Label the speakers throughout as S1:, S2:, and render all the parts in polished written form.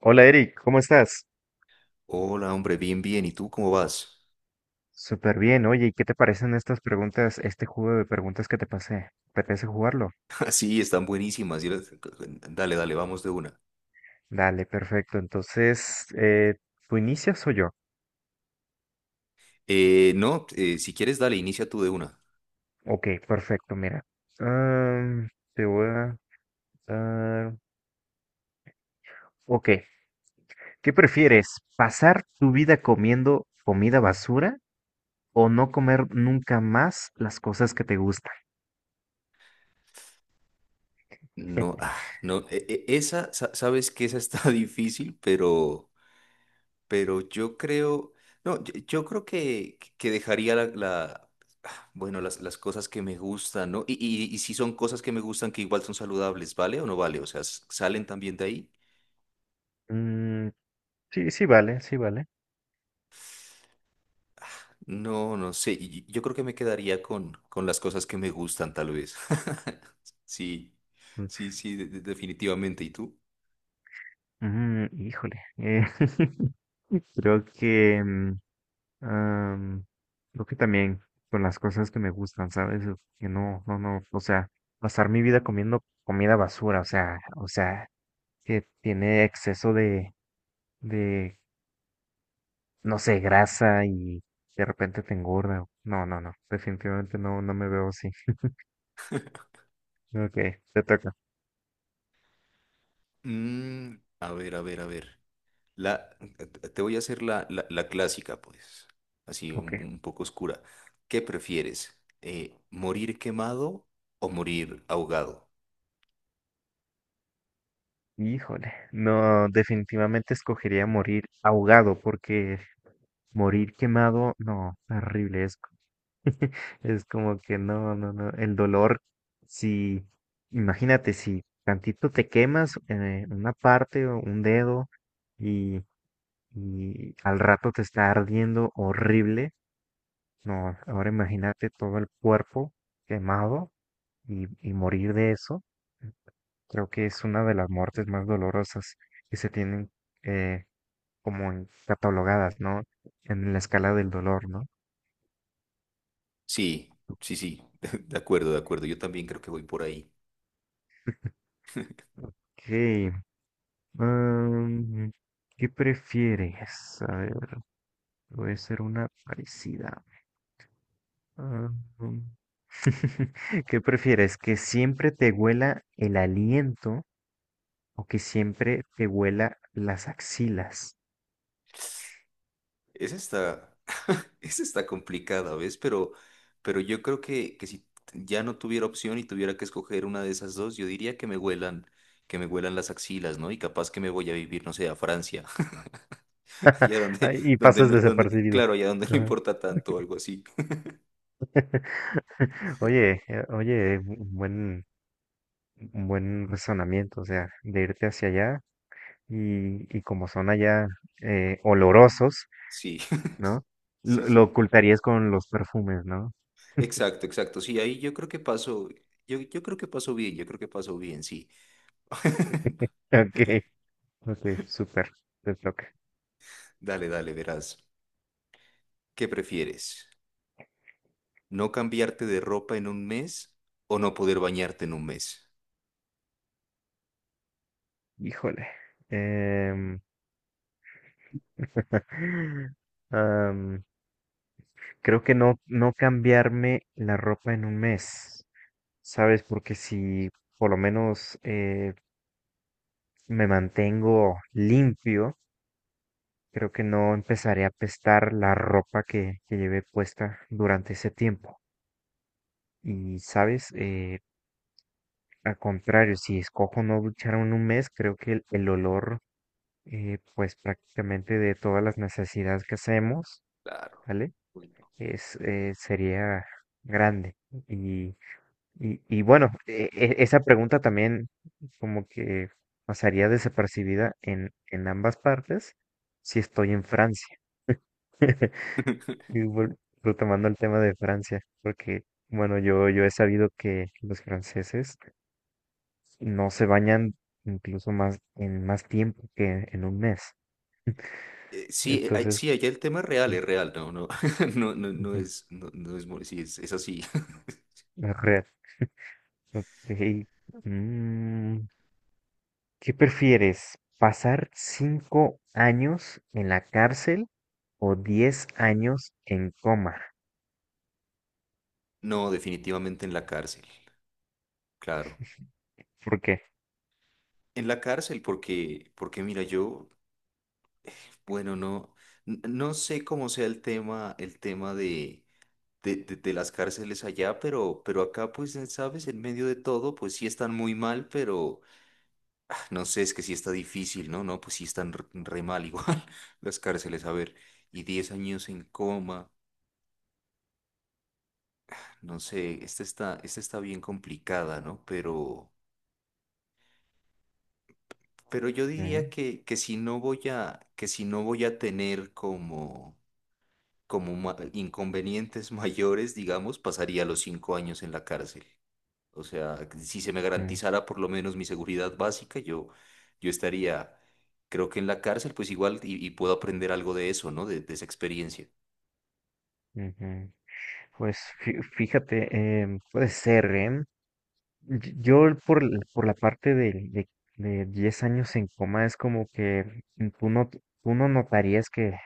S1: Hola Eric, ¿cómo estás?
S2: Hola, hombre, bien, bien. ¿Y tú cómo vas?
S1: Súper bien, oye, ¿y qué te parecen estas preguntas, este juego de preguntas que te pasé? ¿Te apetece jugarlo?
S2: Sí, están buenísimas. Dale, dale, vamos de una.
S1: Dale, perfecto. Entonces, ¿tú inicias o yo?
S2: No, si quieres, dale, inicia tú de una.
S1: Ok, perfecto, mira. Am, te voy a dar. Ok, ¿qué prefieres? ¿Pasar tu vida comiendo comida basura o no comer nunca más las cosas que te gustan?
S2: No, no, sabes que esa está difícil, pero, yo creo, no, yo creo que, dejaría bueno, las cosas que me gustan, ¿no? Y si son cosas que me gustan que igual son saludables, ¿vale o no vale? O sea, ¿salen también de ahí?
S1: Mm, sí, sí, vale, sí, vale.
S2: No, no sé. Yo creo que me quedaría con, las cosas que me gustan, tal vez. Sí,
S1: Mm,
S2: sí, sí, definitivamente. ¿Y tú?
S1: mm, híjole. Creo que mm, Am, creo que también con las cosas que me gustan, ¿sabes? O que no, no, no, o sea, pasar mi vida comiendo comida basura, o sea, que tiene exceso de, de, no sé, grasa y de repente te engorda. No, no, no, definitivamente no, no me veo así. Ok, te toca.
S2: Mm, a ver, a ver, a ver. La, te voy a hacer la clásica, pues. Así
S1: Ok.
S2: un poco oscura. ¿Qué prefieres? ¿Morir quemado o morir ahogado?
S1: Híjole, no, definitivamente escogería morir ahogado porque morir quemado, no, terrible. Es como que no, no, no. El dolor, si, imagínate, si tantito te quemas una parte o un dedo y, al rato te está ardiendo horrible. No, ahora imagínate todo el cuerpo quemado y, morir de eso. Creo que es una de las muertes más dolorosas que se tienen eh, como catalogadas, ¿no? En la escala del dolor, ¿no?
S2: Sí, sí, sí. De acuerdo, de acuerdo. Yo también creo que voy por ahí.
S1: Sí, Am, ¿qué prefieres? A ver, voy a hacer una parecida. Am, ¿qué prefieres? ¿Que siempre te huela el aliento o que siempre te huela las axilas?
S2: Es esta. Esa está complicada, ¿ves? Pero, yo creo que, si ya no tuviera opción y tuviera que escoger una de esas dos, yo diría que me huelan las axilas, ¿no? Y capaz que me voy a vivir, no sé, a Francia, allá
S1: Ay, y pasas
S2: donde,
S1: desapercibido.
S2: claro, allá donde no
S1: Ajá.
S2: importa tanto, o algo así.
S1: Oye, un buen, razonamiento, o sea, de irte hacia allá y, como son allá olorosos,
S2: Sí,
S1: ¿no?
S2: sí,
S1: Lo
S2: sí.
S1: ocultarías con los perfumes, ¿no?
S2: Exacto, exacto. Sí, ahí yo creo que paso, yo creo que paso bien, yo creo que paso bien, sí.
S1: Ok, ok, súper, te toca.
S2: Dale, dale, verás. ¿Qué prefieres? ¿No cambiarte de ropa en un mes o no poder bañarte en un mes?
S1: Híjole. em, am, creo que no, no cambiarme la ropa en un mes, ¿sabes? Porque si por lo menos me mantengo limpio, creo que no empezaré a apestar la ropa que llevé puesta durante ese tiempo. Y, ¿sabes? Al contrario, si escojo no ducharme en un mes, creo que el olor, pues prácticamente de todas las necesidades que hacemos,
S2: Claro.
S1: ¿vale?
S2: Uy, no.
S1: Sería grande. Y, y bueno, esa pregunta también como que pasaría desapercibida en ambas partes si estoy en Francia. Y retomando el tema de Francia, porque, bueno, yo he sabido que los franceses no se bañan incluso más en más tiempo que en un mes.
S2: Sí,
S1: Entonces,
S2: sí, allá el tema
S1: mm,
S2: es real, no, no, no, no, no
S1: ujú,
S2: es, no, no es, sí, es así.
S1: es real. Ok. Mm, ¿qué prefieres? ¿Pasar 5 años en la cárcel o 10 años en coma?
S2: No, definitivamente en la cárcel, claro.
S1: ¿Por qué?
S2: En la cárcel, porque, mira, yo, bueno, no, no sé cómo sea el tema, de, de las cárceles allá, pero, acá, pues, sabes, en medio de todo, pues sí están muy mal, pero, No sé, es que sí está difícil, ¿no? No, pues sí están re mal igual las cárceles, a ver, y 10 años en coma, no sé, esta está bien complicada, ¿no? Pero, yo diría
S1: Mm,
S2: que si no voy a tener como inconvenientes mayores, digamos, pasaría los 5 años en la cárcel. O sea, si se me
S1: mm,
S2: garantizara por lo menos mi seguridad básica, yo estaría, creo que en la cárcel, pues igual, y puedo aprender algo de eso, ¿no? De esa experiencia.
S1: ujú. Pues fíjate, puede ser, ¿eh? Yo por la parte de 10 años en coma es como que tú no notarías que,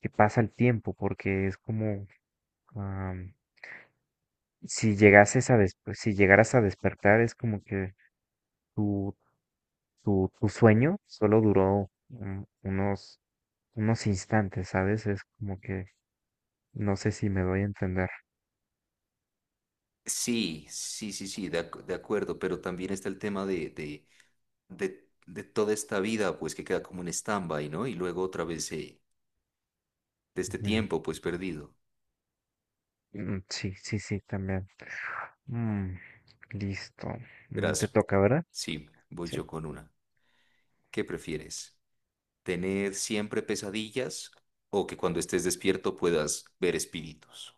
S1: que pasa el tiempo porque es como am, si llegases a des- pues, si llegaras a despertar es como que tu, tu sueño solo duró unos instantes, ¿sabes? Es como que no sé si me doy a entender.
S2: Sí, sí, sí, sí, de acuerdo, pero también está el tema de toda esta vida, pues que queda como en stand-by, ¿no? Y luego otra vez de este
S1: Ujú.
S2: tiempo, pues perdido.
S1: Mm, sí, sí, sí, también. Mm, listo. Mm, te
S2: Verás,
S1: toca, ¿verdad?
S2: sí, voy
S1: Sí.
S2: yo con una. ¿Qué prefieres? ¿Tener siempre pesadillas o que cuando estés despierto puedas ver espíritus?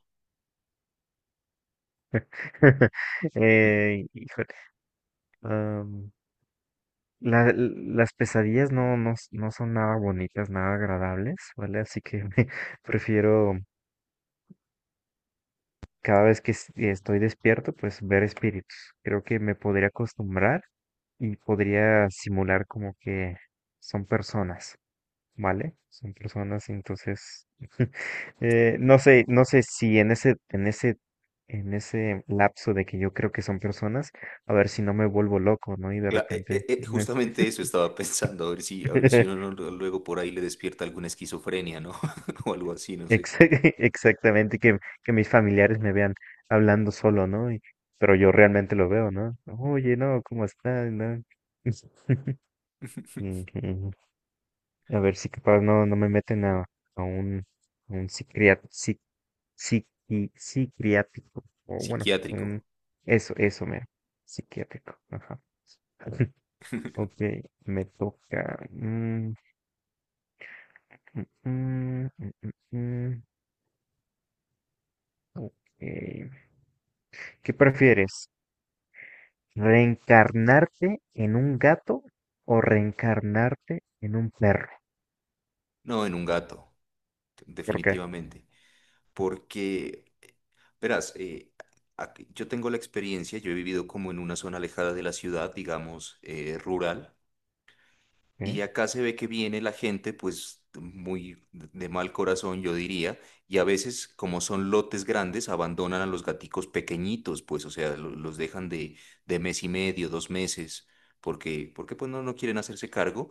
S1: Híjole, am, la- las pesadillas no son nada bonitas, nada agradables, ¿vale? Así que prefiero cada vez que estoy despierto, pues ver espíritus. Creo que me podría acostumbrar y podría simular como que son personas. ¿Vale? Son personas, entonces, no sé, no sé si en ese lapso de que yo creo que son personas, a ver si no me vuelvo loco, ¿no? Y de
S2: Cla- eh,
S1: repente,
S2: eh, eh, justamente eso estaba pensando, a ver si uno no, luego por ahí le despierta alguna esquizofrenia, ¿no? O algo así, no sé.
S1: ex- exactamente, que mis familiares me vean hablando solo, ¿no? Pero yo realmente lo veo, ¿no? Oye, no, ¿cómo estás? ¿No? Ujú. A ver si capaz no me meten a un, a un psiquiatra, psiquiátrico, o bueno,
S2: Psiquiátrico.
S1: eso, eso, mero, psiquiátrico, ajá. Ok, me toca. Mm, mm, mm, mm, mm, mm, ok. ¿Qué prefieres? ¿Reencarnarte en un gato o reencarnarte en un perro?
S2: No, en un gato,
S1: ¿Por qué?
S2: definitivamente. Porque, verás, yo tengo la experiencia, yo he vivido como en una zona alejada de la ciudad, digamos, rural. Y
S1: ¿Eh?
S2: acá se ve que viene la gente, pues muy de mal corazón, yo diría, y a veces, como son lotes grandes, abandonan a los gaticos pequeñitos, pues, o sea, los dejan de mes y medio, 2 meses, porque, pues no, quieren hacerse cargo,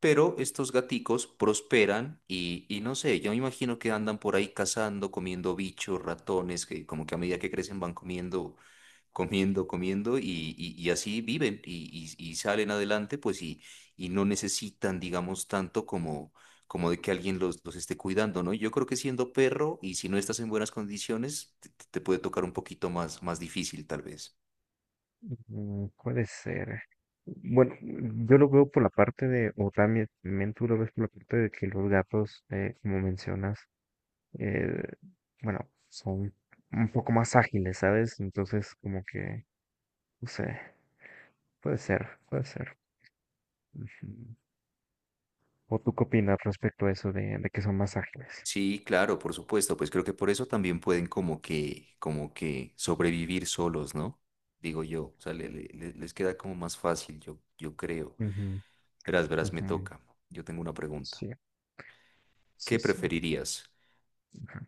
S2: pero estos gaticos prosperan y no sé, yo me imagino que andan por ahí cazando, comiendo bichos, ratones, que como que a medida que crecen van comiendo comiendo, comiendo y así viven y salen adelante, pues y no necesitan, digamos, tanto como de que alguien los esté cuidando, ¿no? Yo creo que siendo perro y si no estás en buenas condiciones, te puede tocar un poquito más, más difícil tal vez.
S1: Mm, puede ser. Bueno, yo lo veo por la parte de, o también tú lo ves por la parte de que los gatos, como mencionas, eh, bueno, son un poco más ágiles, ¿sabes? Entonces, como que, no sé, puede ser, puede ser. Ujú. ¿O tú qué opinas respecto a eso de, que son más ágiles?
S2: Sí, claro, por supuesto, pues creo que por eso también pueden como que sobrevivir solos, ¿no? Digo yo, o sea, les queda como más fácil, yo creo. Verás, verás, me
S1: Ujú, ujú.
S2: toca. Yo tengo una pregunta.
S1: Sí,
S2: ¿Qué
S1: sí, sí.
S2: preferirías?
S1: Ujú.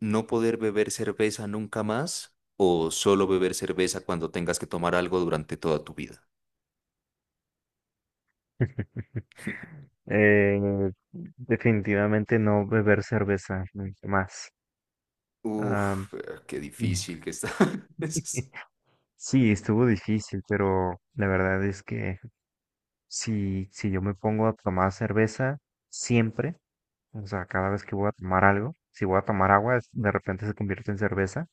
S2: ¿No poder beber cerveza nunca más o solo beber cerveza cuando tengas que tomar algo durante toda tu vida?
S1: Eh, definitivamente no beber cerveza nunca más. Ah,
S2: Uf, qué
S1: mm.
S2: difícil que está. Es
S1: Sí, estuvo difícil, pero la verdad es que si yo me pongo a tomar cerveza siempre, o sea, cada vez que voy a tomar algo, si voy a tomar agua, de repente se convierte en cerveza,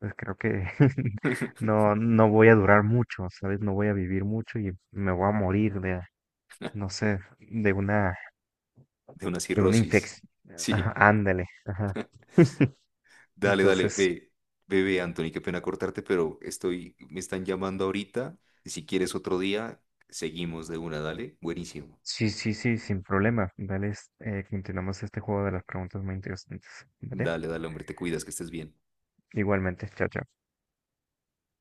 S1: pues creo que no voy a durar mucho, ¿sabes? No voy a vivir mucho y me voy a morir de, no sé, de una,
S2: De una
S1: de una
S2: cirrosis.
S1: infección. Ajá,
S2: Sí,
S1: ándale, ajá.
S2: dale, dale,
S1: Entonces,
S2: ve, bebé, Anthony, qué pena cortarte, pero me están llamando ahorita. Y si quieres otro día, seguimos de una, dale. Buenísimo.
S1: sí, sí, sí, sin problema. Dale, continuamos este juego de las preguntas muy interesantes, ¿vale?
S2: Dale, dale, hombre, te cuidas, que estés bien.
S1: Igualmente, chao, chao.